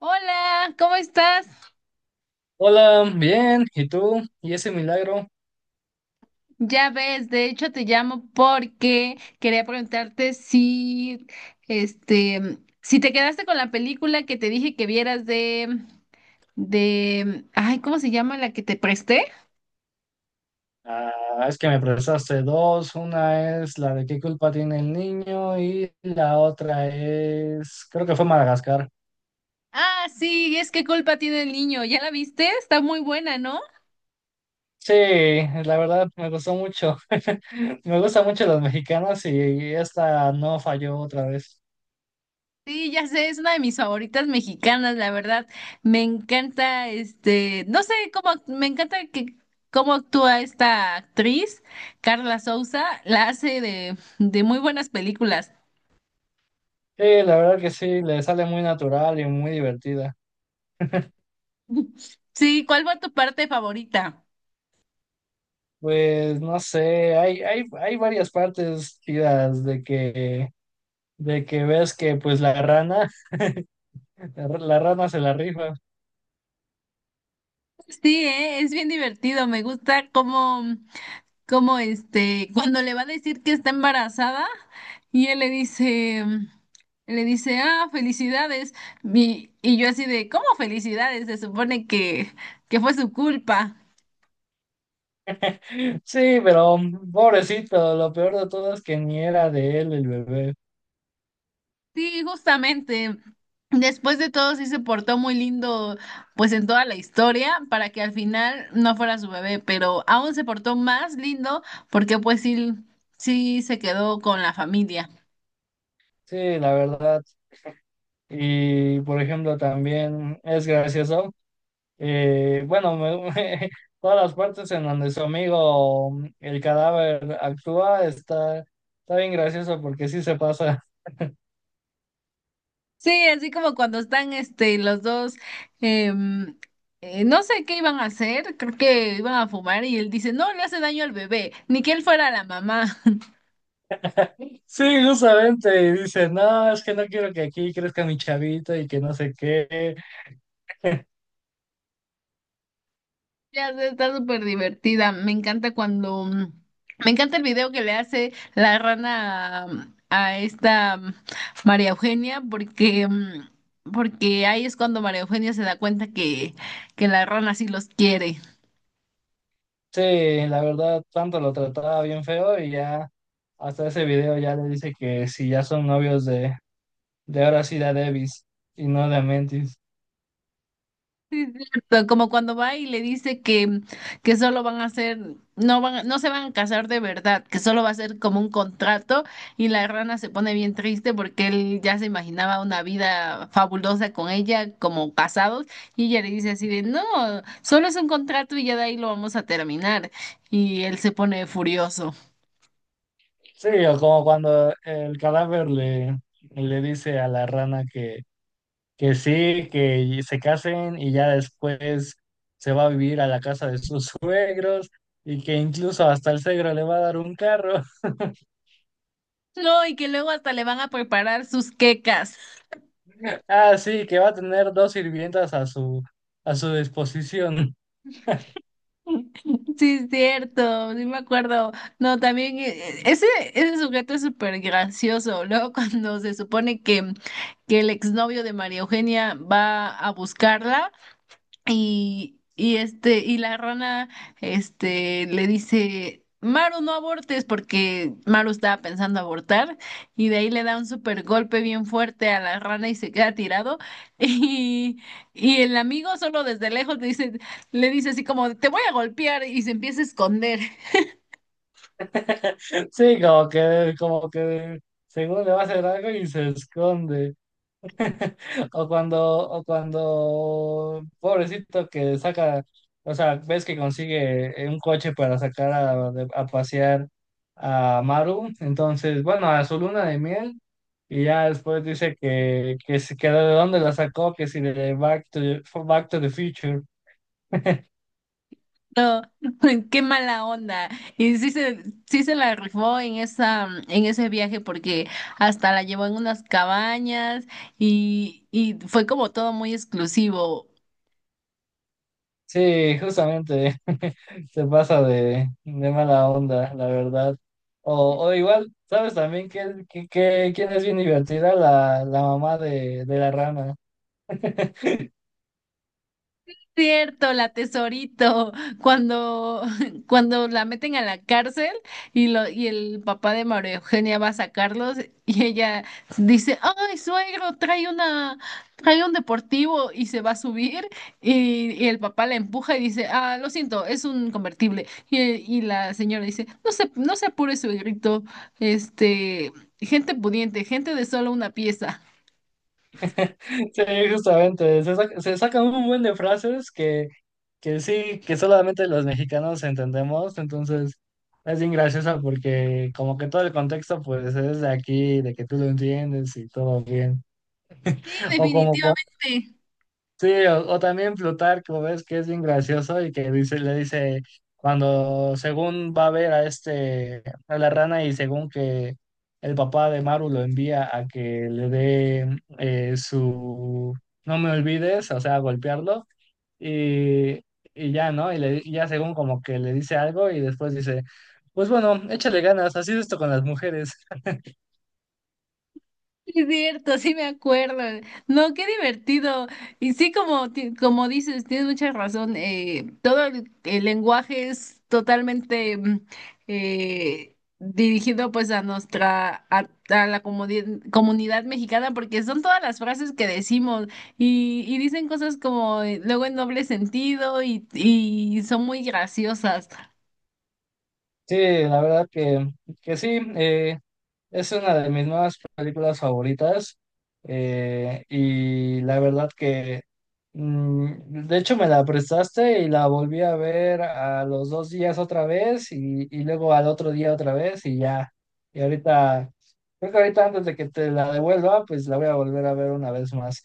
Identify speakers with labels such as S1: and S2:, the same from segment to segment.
S1: Hola, ¿cómo estás?
S2: Hola, bien, ¿y tú? ¿Y ese milagro?
S1: Ya ves, de hecho te llamo porque quería preguntarte si te quedaste con la película que te dije que vieras de ay, ¿cómo se llama la que te presté?
S2: Ah, es que me prestaste dos. Una es la de qué culpa tiene el niño y la otra es, creo que fue Madagascar.
S1: Ah, sí, es que culpa tiene el niño, ¿ya la viste? Está muy buena, ¿no?
S2: Sí, la verdad me gustó mucho. Me gustan mucho los mexicanos y esta no falló otra vez.
S1: Sí, ya sé, es una de mis favoritas mexicanas, la verdad. Me encanta, este, no sé cómo, me encanta que cómo actúa esta actriz, Carla Souza, la hace de muy buenas películas.
S2: Sí, la verdad que sí, le sale muy natural y muy divertida.
S1: Sí, ¿cuál fue tu parte favorita?
S2: Pues no sé, hay varias partes tiras de que ves que pues la rana La la rana se la rifa.
S1: Sí, es bien divertido, me gusta cómo cuando le va a decir que está embarazada y él le dice, ah, felicidades. Y yo así de, ¿cómo felicidades? Se supone que fue su culpa.
S2: Sí, pero pobrecito, lo peor de todo es que ni era de él el bebé.
S1: Sí, justamente. Después de todo, sí se portó muy lindo, pues en toda la historia, para que al final no fuera su bebé, pero aún se portó más lindo porque pues sí, sí se quedó con la familia.
S2: Sí, la verdad. Y por ejemplo, también es gracioso. Bueno, todas las partes en donde su amigo, el cadáver, actúa, está bien gracioso porque sí se pasa.
S1: Sí, así como cuando están este los dos em, no sé qué iban a hacer, creo que iban a fumar y él dice: "No le hace daño al bebé, ni que él fuera la mamá."
S2: Sí, justamente. Y dice, no, es que no quiero que aquí crezca mi chavito y que no sé qué.
S1: Ya sé, está súper divertida. Me encanta cuando me encanta el video que le hace la rana a esta María Eugenia porque porque ahí es cuando María Eugenia se da cuenta que la rana sí los quiere.
S2: Sí, la verdad, tanto lo trataba bien feo y ya hasta ese video ya le dice que si ya son novios de ahora sí de Davis y no de Mentis.
S1: Sí, es cierto, como cuando va y le dice que solo van a ser, no se van a casar de verdad, que solo va a ser como un contrato y la rana se pone bien triste porque él ya se imaginaba una vida fabulosa con ella como casados y ella le dice así de, no, solo es un contrato y ya de ahí lo vamos a terminar y él se pone furioso.
S2: Sí, o como cuando el cadáver le dice a la rana que sí, que se casen y ya después se va a vivir a la casa de sus suegros y que incluso hasta el suegro le va a dar un carro.
S1: No, y que luego hasta le van a preparar sus quecas.
S2: Ah, sí, que va a tener dos sirvientas a a su disposición.
S1: Sí, es cierto, sí me acuerdo. No, también ese sujeto es súper gracioso. Luego cuando se supone que el exnovio de María Eugenia va a buscarla y y la rana, este, le dice, Maru, no abortes, porque Maru estaba pensando abortar, y de ahí le da un super golpe bien fuerte a la rana y se queda tirado. Y, y el amigo solo desde lejos le dice así como, te voy a golpear, y se empieza a esconder.
S2: Sí, como que según le va a hacer algo y se esconde. O cuando, pobrecito que saca, o sea, ves que consigue un coche para sacar a, a pasear a Maru, entonces, bueno, a su luna de miel, y ya después dice que, si- que de dónde la sacó, que si de Back to the Future.
S1: No, qué mala onda. Y sí se, sí se la rifó en en ese viaje porque hasta la llevó en unas cabañas y fue como todo muy exclusivo.
S2: Sí, justamente se pasa de mala onda, la verdad. O igual, ¿sabes también quién es bien divertida? La mamá de la rana.
S1: Cierto, la tesorito, cuando, cuando la meten a la cárcel y el papá de María Eugenia va a sacarlos y ella dice, ay, suegro, trae un deportivo y se va a subir y el papá la empuja y dice, ah, lo siento, es un convertible. Y la señora dice, no se apure, suegrito, este, gente pudiente, gente de solo una pieza.
S2: Sí, justamente. Se saca un buen de frases que sí, que solamente los mexicanos entendemos. Entonces, es bien graciosa porque como que todo el contexto pues es de aquí, de que tú lo entiendes y todo bien.
S1: Sí,
S2: O como
S1: definitivamente.
S2: sí, o también Plutarco, ves que es bien gracioso y que dice, le dice, cuando según va a ver a este, a la rana y según que el papá de Maru lo envía a que le dé no me olvides, o sea, golpearlo, y, y ya, ¿no? Y, le, y ya según como que le dice algo y después dice, pues bueno, échale ganas, así es esto con las mujeres.
S1: Sí, es cierto, sí me acuerdo. No, qué divertido. Y sí, como dices, tienes mucha razón. El lenguaje es totalmente dirigido pues a a la comunidad mexicana, porque son todas las frases que decimos y dicen cosas como luego en doble sentido y son muy graciosas.
S2: Sí, la verdad que sí. Es una de mis nuevas películas favoritas y la verdad que de hecho, me la prestaste y la volví a ver a los dos días otra vez y luego al otro día otra vez y ya. Y ahorita, creo que ahorita antes de que te la devuelva, pues la voy a volver a ver una vez más.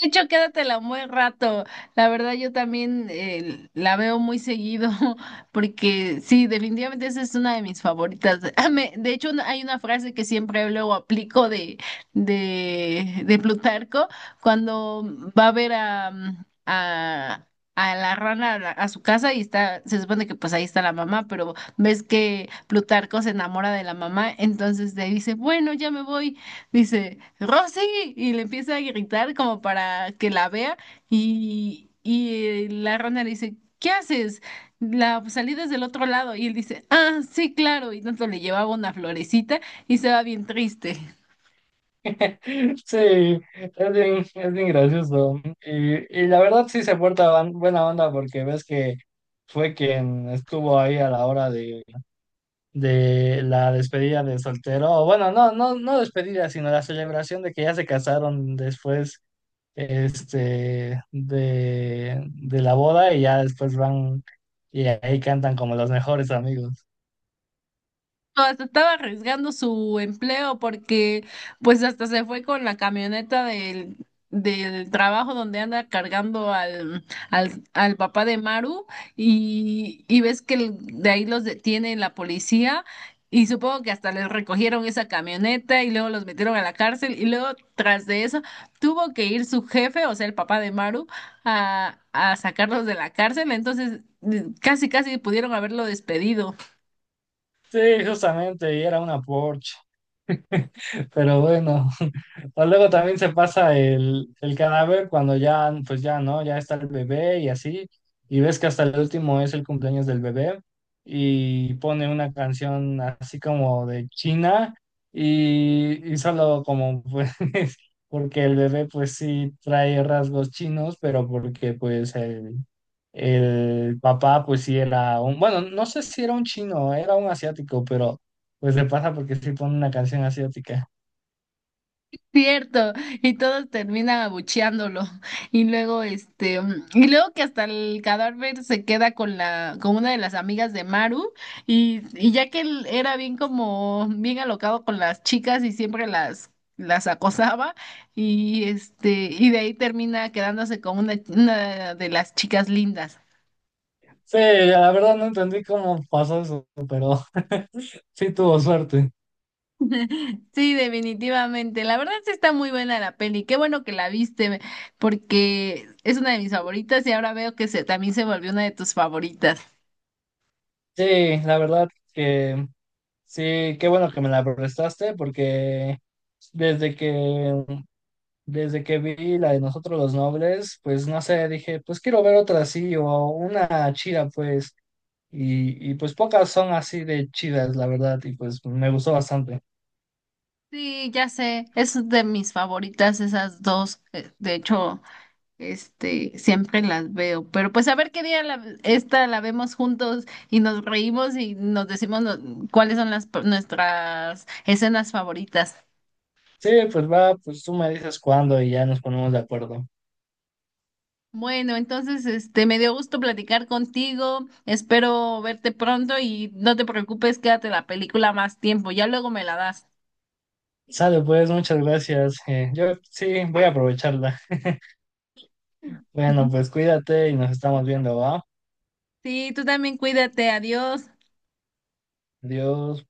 S1: De hecho, quédatela un buen rato. La verdad, yo también la veo muy seguido, porque sí, definitivamente esa es una de mis favoritas. Hay una frase que siempre luego aplico de de Plutarco cuando va a ver a a la rana a su casa y está, se supone que pues ahí está la mamá, pero ves que Plutarco se enamora de la mamá, entonces le dice, bueno, ya me voy, dice, Rosy, y le empieza a gritar como para que la vea, y, y la rana le dice, ¿qué haces? La salida es del otro lado, y él dice, ah, sí, claro, y tanto le llevaba una florecita y se va bien triste.
S2: Sí, es bien gracioso. Y la verdad sí se porta buena onda porque ves que fue quien estuvo ahí a la hora de la despedida de soltero, o bueno, no despedida, sino la celebración de que ya se casaron después, este, de la boda y ya después van y ahí cantan como los mejores amigos.
S1: Hasta estaba arriesgando su empleo porque pues hasta se fue con la camioneta del trabajo donde anda cargando al papá de Maru y ves que de ahí los detiene la policía y supongo que hasta les recogieron esa camioneta y luego los metieron a la cárcel y luego tras de eso tuvo que ir su jefe, o sea el papá de Maru, a sacarlos de la cárcel, entonces casi casi pudieron haberlo despedido.
S2: Sí, justamente, y era una Porsche. Pero bueno, o luego también se pasa el cadáver cuando ya, pues ya, ¿no? Ya está el bebé y así, y ves que hasta el último es el cumpleaños del bebé y pone una canción así como de China y solo como pues, porque el bebé pues sí trae rasgos chinos, pero porque pues el papá pues sí era un, bueno, no sé si era un chino, era un asiático, pero pues le pasa porque sí pone una canción asiática.
S1: Cierto, y todos terminan abucheándolo. Y luego, y luego que hasta el cadáver se queda con con una de las amigas de Maru, y ya que él era bien alocado con las chicas y siempre las acosaba, y este, y de ahí termina quedándose con una de las chicas lindas.
S2: Sí, la verdad no entendí cómo pasó eso, pero sí tuvo suerte.
S1: Sí, definitivamente. La verdad sí está muy buena la peli. Qué bueno que la viste, porque es una de mis favoritas y ahora veo también se volvió una de tus favoritas.
S2: Sí, la verdad que sí, qué bueno que me la prestaste porque desde que desde que vi la de Nosotros los Nobles, pues no sé, dije, pues quiero ver otra así o una chida pues y pues pocas son así de chidas, la verdad, y pues me gustó bastante.
S1: Sí, ya sé, es de mis favoritas esas dos. De hecho, este, siempre las veo. Pero pues a ver qué día esta la vemos juntos y nos reímos y nos decimos cuáles son las nuestras escenas favoritas.
S2: Sí, pues va, pues tú me dices cuándo y ya nos ponemos de acuerdo.
S1: Bueno, entonces, este, me dio gusto platicar contigo. Espero verte pronto y no te preocupes, quédate la película más tiempo. Ya luego me la das.
S2: Sale, pues, muchas gracias. Yo sí, voy a aprovecharla. Bueno, pues cuídate y nos estamos viendo, ¿va?
S1: Sí, tú también cuídate. Adiós.
S2: Adiós.